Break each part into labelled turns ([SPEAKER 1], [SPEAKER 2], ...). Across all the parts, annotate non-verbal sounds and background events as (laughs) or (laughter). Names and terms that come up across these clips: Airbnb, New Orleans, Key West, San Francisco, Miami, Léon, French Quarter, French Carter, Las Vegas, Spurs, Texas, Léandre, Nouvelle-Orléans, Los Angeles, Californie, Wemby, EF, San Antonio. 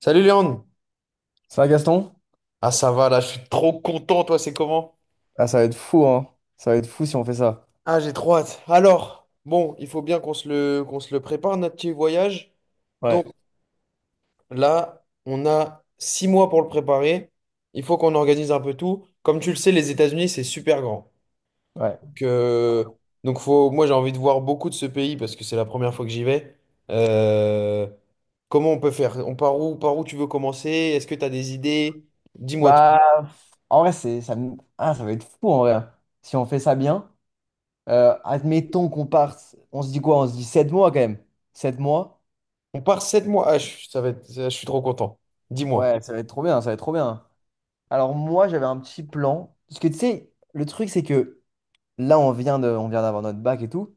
[SPEAKER 1] Salut Léon!
[SPEAKER 2] Ça va, Gaston?
[SPEAKER 1] Ah ça va là, je suis trop content, toi c'est comment?
[SPEAKER 2] Ah, ça va être fou, hein. Ça va être fou si on fait ça.
[SPEAKER 1] Ah j'ai trop hâte. Alors, bon, il faut bien qu'on se le prépare, notre petit voyage. Donc
[SPEAKER 2] Ouais.
[SPEAKER 1] là, on a 6 mois pour le préparer. Il faut qu'on organise un peu tout. Comme tu le sais, les États-Unis, c'est super grand.
[SPEAKER 2] Ouais.
[SPEAKER 1] Donc, euh, donc, faut, moi j'ai envie de voir beaucoup de ce pays parce que c'est la première fois que j'y vais. Euh, Comment on peut faire? On part où, par où tu veux commencer? Est-ce que tu as des idées? Dis-moi tout.
[SPEAKER 2] Bah, en vrai, ah, ça va être fou, en vrai, hein. Si on fait ça bien, admettons qu'on parte, on se dit quoi? On se dit 7 mois, quand même. 7 mois?
[SPEAKER 1] On part 7 mois. Ah, je suis trop content. Dis-moi.
[SPEAKER 2] Ouais, ça va être trop bien, ça va être trop bien. Alors, moi, j'avais un petit plan. Parce que, tu sais, le truc, c'est que là, on vient d'avoir notre bac et tout.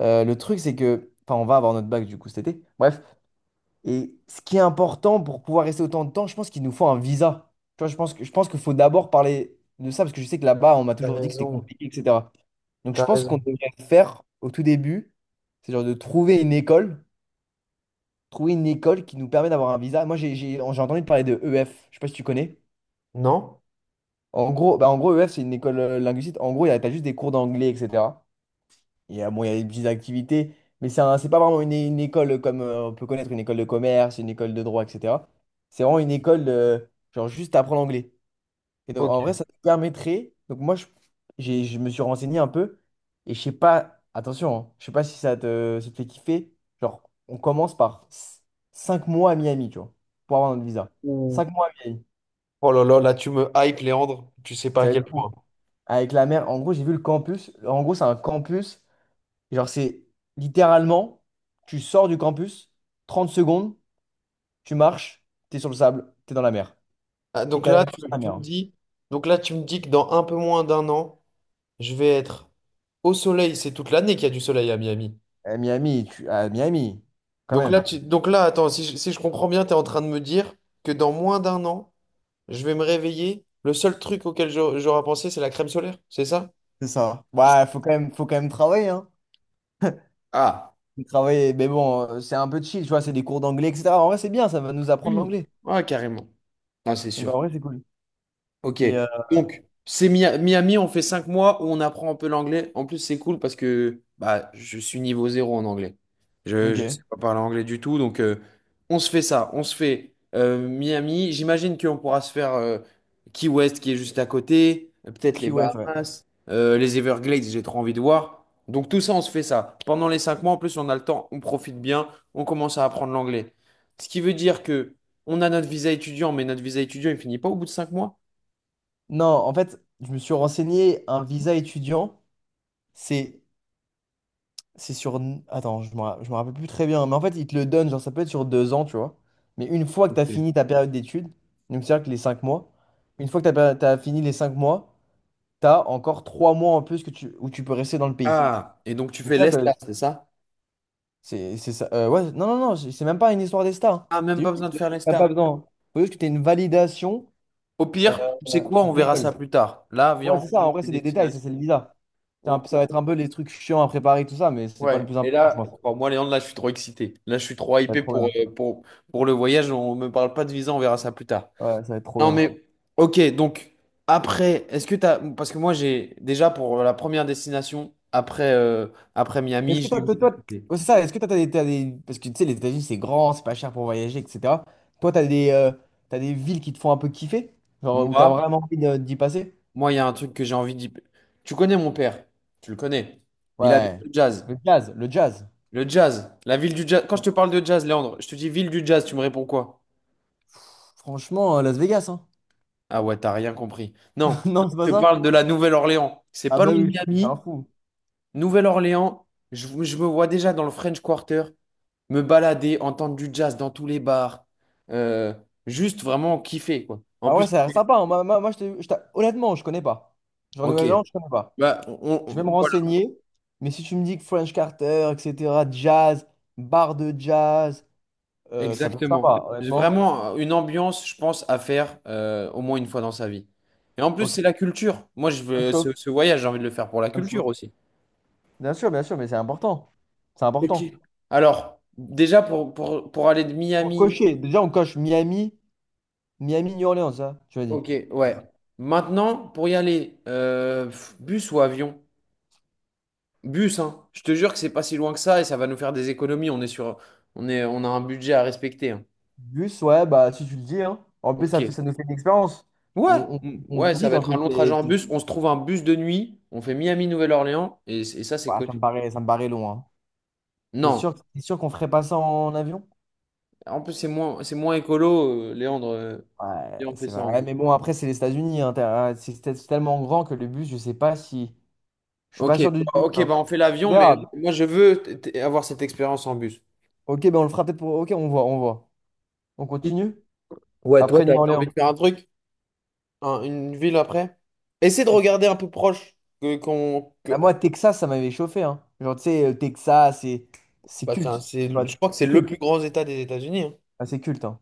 [SPEAKER 2] Le truc, c'est que, enfin, on va avoir notre bac, du coup, cet été. Bref. Et ce qui est important pour pouvoir rester autant de temps, je pense qu'il nous faut un visa. Tu vois, je pense qu'il faut d'abord parler de ça, parce que je sais que là-bas, on m'a
[SPEAKER 1] T'as
[SPEAKER 2] toujours dit que c'était
[SPEAKER 1] raison,
[SPEAKER 2] compliqué, etc. Donc je
[SPEAKER 1] t'as
[SPEAKER 2] pense
[SPEAKER 1] raison.
[SPEAKER 2] qu'on devrait faire au tout début, c'est genre de trouver une école qui nous permet d'avoir un visa. Moi, j'ai entendu parler de EF, je sais pas si tu connais.
[SPEAKER 1] Non?
[SPEAKER 2] En gros, EF, c'est une école linguistique. En gros, il y a t'as juste des cours d'anglais, etc. Il y a, bon, il y a des petites activités, mais c'est pas vraiment une école comme on peut connaître une école de commerce, une école de droit, etc. C'est vraiment une école, de, genre, juste apprendre l'anglais. Et donc,
[SPEAKER 1] Ok.
[SPEAKER 2] en vrai, ça te permettrait. Donc, moi, je me suis renseigné un peu, et je sais pas, attention, hein, je sais pas si ça te fait kiffer. Genre, on commence par 5 mois à Miami, tu vois, pour avoir notre visa.
[SPEAKER 1] Ouh.
[SPEAKER 2] 5 mois à Miami,
[SPEAKER 1] Oh là là, là tu me hype, Léandre. Tu sais pas à
[SPEAKER 2] ça va
[SPEAKER 1] quel
[SPEAKER 2] être
[SPEAKER 1] point.
[SPEAKER 2] fou. Avec la mer, en gros, j'ai vu le campus. En gros, c'est un campus. Genre, c'est littéralement, tu sors du campus, 30 secondes, tu marches, t'es sur le sable, t'es dans la mer.
[SPEAKER 1] Ah,
[SPEAKER 2] Et t'as la vue sur la mer, hein.
[SPEAKER 1] donc là, tu me dis que dans un peu moins d'un an, je vais être au soleil. C'est toute l'année qu'il y a du soleil à Miami.
[SPEAKER 2] À Miami, à Miami, quand
[SPEAKER 1] Donc là,
[SPEAKER 2] même.
[SPEAKER 1] tu, donc là, attends, si je comprends bien, tu es en train de me dire que dans moins d'un an, je vais me réveiller. Le seul truc auquel j'aurais pensé, c'est la crème solaire. C'est ça?
[SPEAKER 2] C'est ça. Ouais, faut quand même travailler, hein.
[SPEAKER 1] Ah, (clears throat)
[SPEAKER 2] Faut travailler, mais bon, c'est un peu chill, tu vois, c'est des cours d'anglais, etc. En vrai, c'est bien, ça va nous apprendre
[SPEAKER 1] Mmh.
[SPEAKER 2] l'anglais.
[SPEAKER 1] Ouais, carrément. Ah c'est
[SPEAKER 2] Donc, en
[SPEAKER 1] sûr.
[SPEAKER 2] vrai, c'est cool.
[SPEAKER 1] Ok.
[SPEAKER 2] Et, euh,
[SPEAKER 1] Donc, c'est Miami, on fait 5 mois où on apprend un peu l'anglais. En plus, c'est cool parce que bah, je suis niveau zéro en anglais. Je ne
[SPEAKER 2] ok.
[SPEAKER 1] sais pas parler anglais du tout. Donc, on se fait ça. On se fait Miami. J'imagine qu'on pourra se faire Key West qui est juste à côté. Peut-être les
[SPEAKER 2] Key West, ouais.
[SPEAKER 1] Bahamas. Les Everglades, j'ai trop envie de voir. Donc, tout ça, on se fait ça. Pendant les 5 mois, en plus, on a le temps. On profite bien. On commence à apprendre l'anglais. Ce qui veut dire que on a notre visa étudiant, mais notre visa étudiant, il finit pas au bout de 5 mois.
[SPEAKER 2] Non, en fait, je me suis renseigné, un visa étudiant, c'est C'est. Attends, je me rappelle plus très bien. Mais en fait, ils te le donnent, genre ça peut être sur 2 ans, tu vois. Mais une fois que tu
[SPEAKER 1] Ok.
[SPEAKER 2] as fini ta période d'études, donc c'est-à-dire que les 5 mois, une fois que tu as, fini les 5 mois, tu as encore 3 mois en plus que tu... où tu peux rester dans le pays.
[SPEAKER 1] Ah, et donc tu
[SPEAKER 2] Donc
[SPEAKER 1] fais
[SPEAKER 2] cest à que
[SPEAKER 1] l'ESTA, c'est ça?
[SPEAKER 2] c'est ça. Ouais, non, non, non, c'est même pas une histoire des stars, hein.
[SPEAKER 1] Ah, même
[SPEAKER 2] C'est
[SPEAKER 1] pas
[SPEAKER 2] juste
[SPEAKER 1] besoin de
[SPEAKER 2] que
[SPEAKER 1] faire
[SPEAKER 2] t'as pas
[SPEAKER 1] l'ESTA.
[SPEAKER 2] besoin, hein. Faut juste que tu aies une validation
[SPEAKER 1] Au
[SPEAKER 2] euh,
[SPEAKER 1] pire, tu sais quoi, on
[SPEAKER 2] de
[SPEAKER 1] verra ça
[SPEAKER 2] l'école.
[SPEAKER 1] plus tard. Là, viens,
[SPEAKER 2] Ouais,
[SPEAKER 1] on
[SPEAKER 2] c'est
[SPEAKER 1] fait
[SPEAKER 2] ça. En
[SPEAKER 1] juste
[SPEAKER 2] vrai,
[SPEAKER 1] les
[SPEAKER 2] c'est des détails, ça, c'est le
[SPEAKER 1] destinations.
[SPEAKER 2] visa.
[SPEAKER 1] On- on-
[SPEAKER 2] Ça va être
[SPEAKER 1] on-
[SPEAKER 2] un peu les trucs chiants à préparer, tout ça, mais c'est pas le
[SPEAKER 1] Ouais,
[SPEAKER 2] plus
[SPEAKER 1] et
[SPEAKER 2] important, je
[SPEAKER 1] là,
[SPEAKER 2] pense. Ça
[SPEAKER 1] moi, Léandre, là, je suis trop excité. Là, je suis trop
[SPEAKER 2] va être
[SPEAKER 1] hypé
[SPEAKER 2] trop
[SPEAKER 1] pour,
[SPEAKER 2] bien.
[SPEAKER 1] euh, pour, pour le voyage. On me parle pas de visa, on verra ça plus tard.
[SPEAKER 2] Ouais, ça va être trop
[SPEAKER 1] Non,
[SPEAKER 2] bien.
[SPEAKER 1] mais, ok, donc, après, est-ce que t'as parce que moi, j'ai déjà pour la première destination, après, après
[SPEAKER 2] Est-ce
[SPEAKER 1] Miami,
[SPEAKER 2] que
[SPEAKER 1] j'ai eu
[SPEAKER 2] toi,
[SPEAKER 1] une
[SPEAKER 2] toi,
[SPEAKER 1] petite
[SPEAKER 2] toi-
[SPEAKER 1] idée.
[SPEAKER 2] Ouais, c'est ça, est-ce que toi, t'as des. Parce que tu sais, les États-Unis, c'est grand, c'est pas cher pour voyager, etc. Toi, t'as des villes qui te font un peu kiffer? Genre, où t'as
[SPEAKER 1] Moi,
[SPEAKER 2] vraiment envie d'y passer?
[SPEAKER 1] Moi, il y a un truc que j'ai envie d'y... Tu connais mon père, tu le connais. Il a le
[SPEAKER 2] Ouais.
[SPEAKER 1] jazz.
[SPEAKER 2] Le jazz, le jazz.
[SPEAKER 1] Le jazz, la ville du jazz. Quand je te parle de jazz, Léandre, je te dis ville du jazz, tu me réponds quoi?
[SPEAKER 2] Franchement, Las Vegas, hein.
[SPEAKER 1] Ah ouais, t'as rien compris. Non,
[SPEAKER 2] (laughs) Non, c'est pas
[SPEAKER 1] je te
[SPEAKER 2] ça?
[SPEAKER 1] parle de la Nouvelle-Orléans. C'est
[SPEAKER 2] Ah
[SPEAKER 1] pas
[SPEAKER 2] bah
[SPEAKER 1] loin de
[SPEAKER 2] oui, je suis un
[SPEAKER 1] Miami.
[SPEAKER 2] fou.
[SPEAKER 1] Nouvelle-Orléans, je me vois déjà dans le French Quarter, me balader, entendre du jazz dans tous les bars. Euh, Juste vraiment kiffer, quoi. En
[SPEAKER 2] Ah
[SPEAKER 1] plus,
[SPEAKER 2] ouais, ça a l'air sympa, hein. Je te- je t'a- honnêtement, je connais pas. Genre,
[SPEAKER 1] ok.
[SPEAKER 2] Nouvelle-Zélande, je connais pas.
[SPEAKER 1] Bah,
[SPEAKER 2] Je vais me
[SPEAKER 1] voilà.
[SPEAKER 2] renseigner, mais si tu me dis que French Carter, etc., jazz, bar de jazz, ça peut être
[SPEAKER 1] Exactement.
[SPEAKER 2] sympa,
[SPEAKER 1] J'ai
[SPEAKER 2] honnêtement.
[SPEAKER 1] vraiment une ambiance, je pense, à faire au moins une fois dans sa vie. Et en plus,
[SPEAKER 2] Ok,
[SPEAKER 1] c'est la culture. Moi, je
[SPEAKER 2] ça me
[SPEAKER 1] veux
[SPEAKER 2] chauffe.
[SPEAKER 1] ce voyage, j'ai envie de le faire pour la
[SPEAKER 2] Ça me
[SPEAKER 1] culture
[SPEAKER 2] chauffe.
[SPEAKER 1] aussi.
[SPEAKER 2] Bien sûr, mais c'est important. C'est
[SPEAKER 1] Ok.
[SPEAKER 2] important.
[SPEAKER 1] Alors, déjà pour aller de
[SPEAKER 2] Pour
[SPEAKER 1] Miami,
[SPEAKER 2] cocher, déjà on coche Miami, New Orleans, ça, tu as dit.
[SPEAKER 1] ok,
[SPEAKER 2] Ouais.
[SPEAKER 1] ouais. Maintenant, pour y aller, bus ou avion? Bus, hein. Je te jure que c'est pas si loin que ça et ça va nous faire des économies. On est sur, on est, On a un budget à respecter, hein.
[SPEAKER 2] Bus, ouais, bah si tu le dis, hein. En plus,
[SPEAKER 1] Ok.
[SPEAKER 2] ça nous fait une expérience.
[SPEAKER 1] Ouais,
[SPEAKER 2] On, on
[SPEAKER 1] Ouais, ça
[SPEAKER 2] visite
[SPEAKER 1] va
[SPEAKER 2] en
[SPEAKER 1] être un
[SPEAKER 2] plus.
[SPEAKER 1] long trajet en bus. On se trouve un bus de nuit. On fait Miami-Nouvelle-Orléans et ça, c'est
[SPEAKER 2] Ouais,
[SPEAKER 1] cool.
[SPEAKER 2] ça me paraît long, hein. T'es
[SPEAKER 1] Non,
[SPEAKER 2] sûr, c'est sûr qu'on ferait pas ça en avion?
[SPEAKER 1] en plus, c'est moins écolo, Léandre. euh,
[SPEAKER 2] Ouais,
[SPEAKER 1] et on fait
[SPEAKER 2] c'est
[SPEAKER 1] ça
[SPEAKER 2] vrai.
[SPEAKER 1] en
[SPEAKER 2] Ouais,
[SPEAKER 1] bus.
[SPEAKER 2] mais bon, après, c'est les États-Unis, hein. C'est tellement grand que le bus, je sais pas si. Je suis pas sûr du tout,
[SPEAKER 1] Ok,
[SPEAKER 2] hein.
[SPEAKER 1] bah on fait
[SPEAKER 2] On
[SPEAKER 1] l'avion, mais
[SPEAKER 2] verra.
[SPEAKER 1] moi, je veux avoir cette expérience en bus.
[SPEAKER 2] Ok, ben on le fera peut-être pour. Ok, on voit, on voit. On
[SPEAKER 1] Mm.
[SPEAKER 2] continue?
[SPEAKER 1] Ouais, toi,
[SPEAKER 2] Après New
[SPEAKER 1] t'as
[SPEAKER 2] Orleans.
[SPEAKER 1] envie de faire un truc, une ville après? Essaie de regarder un peu proche. Que, qu'on, que-
[SPEAKER 2] Ah, moi, Texas, ça m'avait chauffé, hein. Genre, tu sais, Texas, c'est
[SPEAKER 1] bah, c'est,
[SPEAKER 2] culte.
[SPEAKER 1] un-
[SPEAKER 2] Tu
[SPEAKER 1] c'est-
[SPEAKER 2] vois,
[SPEAKER 1] je crois que c'est
[SPEAKER 2] c'est
[SPEAKER 1] le plus
[SPEAKER 2] culte.
[SPEAKER 1] grand État des États-Unis, hein.
[SPEAKER 2] Ah, c'est culte, hein.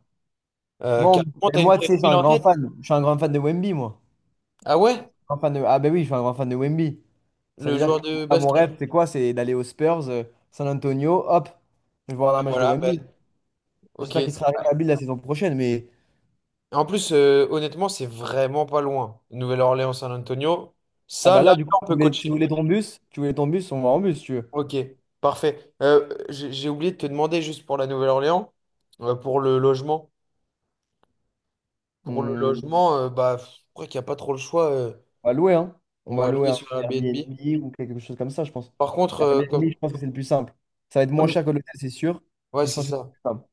[SPEAKER 2] Moi, on-
[SPEAKER 1] Carrément,
[SPEAKER 2] mais moi,
[SPEAKER 1] t'as
[SPEAKER 2] tu
[SPEAKER 1] une
[SPEAKER 2] sais, je suis
[SPEAKER 1] ville
[SPEAKER 2] un
[SPEAKER 1] en
[SPEAKER 2] grand
[SPEAKER 1] tête?
[SPEAKER 2] fan. Je suis un grand fan de Wemby, moi.
[SPEAKER 1] Ah ouais?
[SPEAKER 2] Ah, ben oui, je suis un grand fan de Wemby. Ça veut
[SPEAKER 1] Le
[SPEAKER 2] dire que
[SPEAKER 1] joueur de
[SPEAKER 2] moi, mon
[SPEAKER 1] basket?
[SPEAKER 2] rêve, c'est quoi? C'est d'aller aux Spurs, San Antonio, hop, je vais voir un
[SPEAKER 1] Bah,
[SPEAKER 2] match de
[SPEAKER 1] voilà, bah,
[SPEAKER 2] Wemby. J'espère
[SPEAKER 1] ok.
[SPEAKER 2] qu'il sera rétabli la saison prochaine. Mais
[SPEAKER 1] En plus, honnêtement, c'est vraiment pas loin. Nouvelle-Orléans, San Antonio.
[SPEAKER 2] ah,
[SPEAKER 1] Ça,
[SPEAKER 2] bah
[SPEAKER 1] là,
[SPEAKER 2] là, du coup,
[SPEAKER 1] on peut coacher.
[SPEAKER 2] tu voulais ton bus, on va en bus, si tu veux.
[SPEAKER 1] Ok, parfait. J'ai oublié de te demander juste pour la Nouvelle-Orléans, pour le logement. Pour le
[SPEAKER 2] Hmm.
[SPEAKER 1] logement, bah, je crois qu'il n'y a pas trop le choix. euh,
[SPEAKER 2] On va louer, hein. On
[SPEAKER 1] on
[SPEAKER 2] va
[SPEAKER 1] va
[SPEAKER 2] louer
[SPEAKER 1] louer
[SPEAKER 2] un
[SPEAKER 1] sur Airbnb.
[SPEAKER 2] Airbnb ou quelque chose comme ça, je pense.
[SPEAKER 1] Par contre,
[SPEAKER 2] Airbnb,
[SPEAKER 1] comme...
[SPEAKER 2] je pense que c'est le plus simple. Ça va être moins
[SPEAKER 1] comme-
[SPEAKER 2] cher que l'hôtel, c'est sûr.
[SPEAKER 1] Ouais,
[SPEAKER 2] Et je
[SPEAKER 1] c'est
[SPEAKER 2] pense que c'est le
[SPEAKER 1] ça.
[SPEAKER 2] plus simple.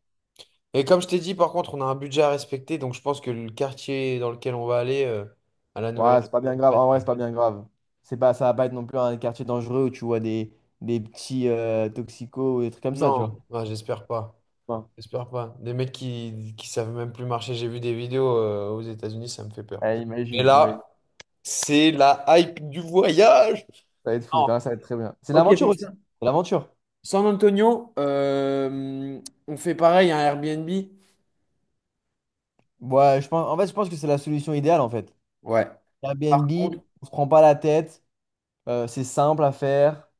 [SPEAKER 1] Et comme je t'ai dit, par contre, on a un budget à respecter, donc je pense que le quartier dans lequel on va aller, à la
[SPEAKER 2] Ouais, c'est
[SPEAKER 1] Nouvelle-Orléans...
[SPEAKER 2] pas bien grave. En vrai, c'est pas bien grave. C'est pas, ça va pas être non plus un quartier dangereux où tu vois des petits toxicos ou des trucs comme ça, tu vois.
[SPEAKER 1] Non, ouais, j'espère pas.
[SPEAKER 2] Bon.
[SPEAKER 1] J'espère pas. Des mecs qui savent même plus marcher. J'ai vu des vidéos aux États-Unis, ça me fait peur.
[SPEAKER 2] Ouais,
[SPEAKER 1] Et
[SPEAKER 2] imagine, imagine.
[SPEAKER 1] là, c'est la hype du voyage.
[SPEAKER 2] Ça va être fou,
[SPEAKER 1] Non.
[SPEAKER 2] hein, ça va être très bien. C'est
[SPEAKER 1] Ok,
[SPEAKER 2] l'aventure
[SPEAKER 1] donc
[SPEAKER 2] aussi.
[SPEAKER 1] ça.
[SPEAKER 2] C'est l'aventure.
[SPEAKER 1] San Antonio, on fait pareil, un Airbnb.
[SPEAKER 2] Ouais, je pense, en fait, je pense que c'est la solution idéale, en fait.
[SPEAKER 1] Ouais. Par
[SPEAKER 2] Airbnb,
[SPEAKER 1] contre,
[SPEAKER 2] on se prend pas la tête. C'est simple à faire.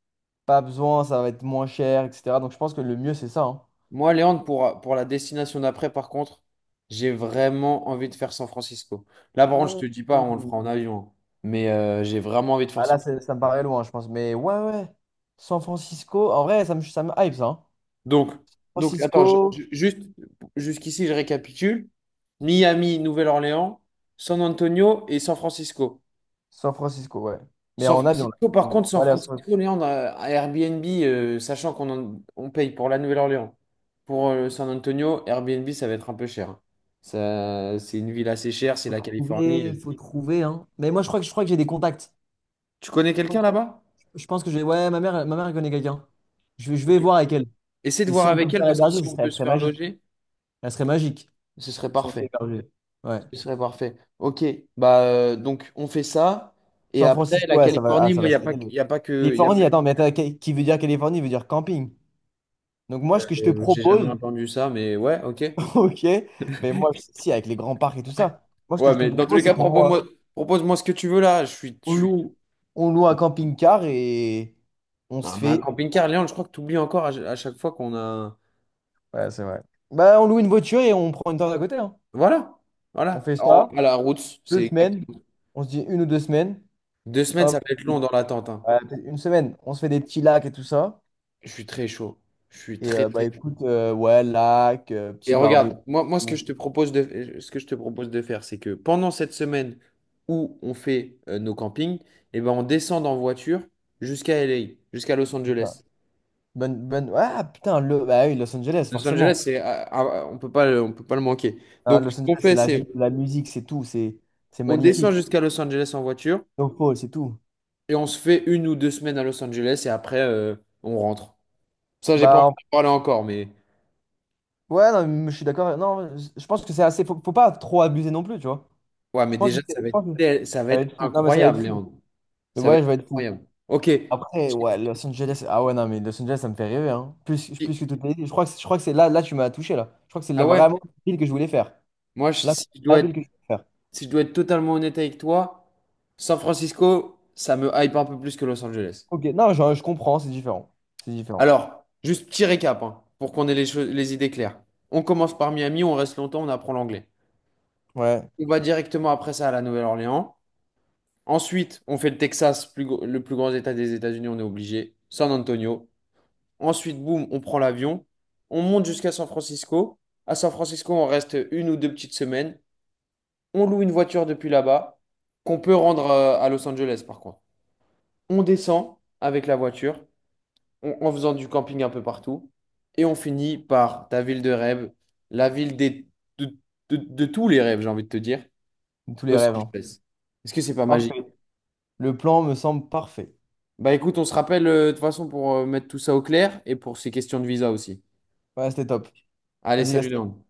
[SPEAKER 2] Pas besoin, ça va être moins cher, etc. Donc je pense que le mieux, c'est ça, hein.
[SPEAKER 1] moi, Léandre, pour la destination d'après, par contre, j'ai vraiment envie de faire San Francisco. Là, par contre, je te
[SPEAKER 2] Ouh.
[SPEAKER 1] dis pas, on le fera en avion, hein. Mais j'ai vraiment envie de faire
[SPEAKER 2] Ah là,
[SPEAKER 1] San Francisco.
[SPEAKER 2] ça me paraît loin, je pense. Mais ouais, ouais. San Francisco, en vrai, ça me hype, ça, hein.
[SPEAKER 1] Donc, donc, attends,
[SPEAKER 2] Francisco,
[SPEAKER 1] juste jusqu'ici, je récapitule. Miami, Nouvelle-Orléans, San Antonio et San Francisco.
[SPEAKER 2] San Francisco, ouais. Mais
[SPEAKER 1] San
[SPEAKER 2] en avion, là.
[SPEAKER 1] Francisco, par
[SPEAKER 2] Faut,
[SPEAKER 1] contre, San
[SPEAKER 2] faut aller à San-
[SPEAKER 1] Francisco, Léandre, à Airbnb, sachant qu'on en- on paye pour la Nouvelle-Orléans. Pour San Antonio, Airbnb, ça va être un peu cher, hein. Ça, c'est une ville assez chère, c'est la Californie.
[SPEAKER 2] Faut trouver, hein. Mais moi, je crois que j'ai des contacts.
[SPEAKER 1] Tu connais
[SPEAKER 2] Je pense,
[SPEAKER 1] quelqu'un là-bas?
[SPEAKER 2] je pense que j'ai. Ouais, ma mère elle connaît quelqu'un. Je vais
[SPEAKER 1] Ok.
[SPEAKER 2] voir avec elle.
[SPEAKER 1] Essaie de
[SPEAKER 2] Et
[SPEAKER 1] voir
[SPEAKER 2] si on peut
[SPEAKER 1] avec
[SPEAKER 2] le
[SPEAKER 1] elle
[SPEAKER 2] faire
[SPEAKER 1] parce que
[SPEAKER 2] héberger,
[SPEAKER 1] si on peut
[SPEAKER 2] elle
[SPEAKER 1] se
[SPEAKER 2] serait
[SPEAKER 1] faire
[SPEAKER 2] magique.
[SPEAKER 1] loger,
[SPEAKER 2] Elle serait magique
[SPEAKER 1] ce serait
[SPEAKER 2] si on se fait
[SPEAKER 1] parfait.
[SPEAKER 2] héberger. Ouais.
[SPEAKER 1] Ce serait parfait. Ok, bah donc on fait ça. Et
[SPEAKER 2] San
[SPEAKER 1] après,
[SPEAKER 2] Francisco,
[SPEAKER 1] la
[SPEAKER 2] ouais, ça va, ah,
[SPEAKER 1] Californie,
[SPEAKER 2] ça
[SPEAKER 1] moi,
[SPEAKER 2] va
[SPEAKER 1] il n'y
[SPEAKER 2] se
[SPEAKER 1] a pas,
[SPEAKER 2] régaler.
[SPEAKER 1] y a pas que. Y a pas
[SPEAKER 2] Californie,
[SPEAKER 1] que-
[SPEAKER 2] attends, mais attends, qui veut dire Californie veut dire camping. Donc moi, ce que je te
[SPEAKER 1] euh, j'ai jamais
[SPEAKER 2] propose,
[SPEAKER 1] entendu ça, mais ouais, ok.
[SPEAKER 2] (laughs) ok, mais moi, si, avec les grands parcs et tout ça, moi, ce que
[SPEAKER 1] Ouais,
[SPEAKER 2] je te
[SPEAKER 1] mais dans tous les
[SPEAKER 2] propose, c'est
[SPEAKER 1] cas,
[SPEAKER 2] qu'
[SPEAKER 1] propose-moi ce que tu veux là. Je suis. Je
[SPEAKER 2] on
[SPEAKER 1] suis...
[SPEAKER 2] loue, on loue un camping-car et on
[SPEAKER 1] Ah,
[SPEAKER 2] se
[SPEAKER 1] mais un
[SPEAKER 2] fait...
[SPEAKER 1] camping-car, Léon, je crois que tu oublies encore à chaque fois qu'on a.
[SPEAKER 2] Ouais, c'est vrai. Bah, on loue une voiture et on prend une tente à côté, hein.
[SPEAKER 1] Voilà,
[SPEAKER 2] On
[SPEAKER 1] voilà.
[SPEAKER 2] fait
[SPEAKER 1] En-
[SPEAKER 2] ça,
[SPEAKER 1] à la route,
[SPEAKER 2] deux
[SPEAKER 1] c'est
[SPEAKER 2] semaines,
[SPEAKER 1] exactement.
[SPEAKER 2] on se dit 1 ou 2 semaines,
[SPEAKER 1] 2 semaines,
[SPEAKER 2] hop,
[SPEAKER 1] ça va être long dans l'attente, hein.
[SPEAKER 2] ouais, peut-être une semaine, on se fait des petits lacs et tout ça.
[SPEAKER 1] Je suis très chaud. Je suis très,
[SPEAKER 2] Bah
[SPEAKER 1] très chaud.
[SPEAKER 2] écoute, ouais, lac,
[SPEAKER 1] Et
[SPEAKER 2] petit barbecue,
[SPEAKER 1] regarde, moi ce que
[SPEAKER 2] tout
[SPEAKER 1] je te propose de, ce que je te propose de faire, c'est que pendant cette semaine où on fait nos campings, eh ben, on descend en voiture jusqu'à LA, jusqu'à Los Angeles.
[SPEAKER 2] ça. Ah putain, bah oui, Los Angeles,
[SPEAKER 1] Los Angeles,
[SPEAKER 2] forcément.
[SPEAKER 1] c'est, ah, ah, ah, on peut pas, on peut pas le manquer.
[SPEAKER 2] Hein,
[SPEAKER 1] Donc, ce
[SPEAKER 2] Los Angeles,
[SPEAKER 1] qu'on
[SPEAKER 2] c'est
[SPEAKER 1] fait,
[SPEAKER 2] la vie,
[SPEAKER 1] c'est
[SPEAKER 2] la musique, c'est tout, c'est
[SPEAKER 1] on descend
[SPEAKER 2] magnifique.
[SPEAKER 1] jusqu'à Los Angeles en voiture
[SPEAKER 2] Donc Paul, c'est tout.
[SPEAKER 1] et on se fait une ou deux semaines à Los Angeles et après, on rentre. Ça, j'ai pas envie
[SPEAKER 2] Bah
[SPEAKER 1] de parler encore, mais
[SPEAKER 2] ouais, non, mais je suis d'accord. Non, je pense que c'est assez. Faut pas trop abuser non plus, tu vois.
[SPEAKER 1] ouais,
[SPEAKER 2] Je
[SPEAKER 1] mais
[SPEAKER 2] pense que,
[SPEAKER 1] déjà,
[SPEAKER 2] je pense que
[SPEAKER 1] ça va
[SPEAKER 2] ça va
[SPEAKER 1] être
[SPEAKER 2] être fou. Non, mais ça va être
[SPEAKER 1] incroyable,
[SPEAKER 2] fou.
[SPEAKER 1] Léandre.
[SPEAKER 2] Et
[SPEAKER 1] Ça va
[SPEAKER 2] ouais, je
[SPEAKER 1] être
[SPEAKER 2] vais être fou.
[SPEAKER 1] incroyable. Ok.
[SPEAKER 2] Après, ouais, Los Angeles. Ah ouais, non, mais Los Angeles, ça me fait rêver, hein. Plus, plus que toutes les villes. Je crois que c'est là, là, tu m'as touché, là. Je crois que c'est
[SPEAKER 1] Ah ouais?
[SPEAKER 2] vraiment la ville que je voulais faire.
[SPEAKER 1] Moi, je-
[SPEAKER 2] Là, c'est
[SPEAKER 1] si je
[SPEAKER 2] la
[SPEAKER 1] dois être,
[SPEAKER 2] ville que je voulais faire.
[SPEAKER 1] si je dois être, totalement honnête avec toi, San Francisco, ça me hype un peu plus que Los Angeles.
[SPEAKER 2] Ok, non, je comprends, c'est différent. C'est différent.
[SPEAKER 1] Alors, juste petit récap, hein, pour qu'on ait les idées claires. On commence par Miami, on reste longtemps, on apprend l'anglais.
[SPEAKER 2] Ouais,
[SPEAKER 1] On va directement après ça à la Nouvelle-Orléans. Ensuite, on fait le Texas, le plus grand état des États-Unis, on est obligé. San Antonio. Ensuite, boum, on prend l'avion. On monte jusqu'à San Francisco. À San Francisco, on reste une ou deux petites semaines. On loue une voiture depuis là-bas, qu'on peut rendre à Los Angeles par contre. On descend avec la voiture, en faisant du camping un peu partout, et on finit par ta ville de rêve, la ville de, de tous les rêves, j'ai envie de te dire,
[SPEAKER 2] tous les
[SPEAKER 1] Los
[SPEAKER 2] rêves, hein.
[SPEAKER 1] Angeles. Est-ce que c'est pas magique?
[SPEAKER 2] Parfait. Le plan me semble parfait.
[SPEAKER 1] Bah écoute, on se rappelle de toute façon pour mettre tout ça au clair et pour ces questions de visa aussi.
[SPEAKER 2] Ouais, c'était top.
[SPEAKER 1] Allez,
[SPEAKER 2] Vas-y,
[SPEAKER 1] salut
[SPEAKER 2] Gaston.
[SPEAKER 1] Léon.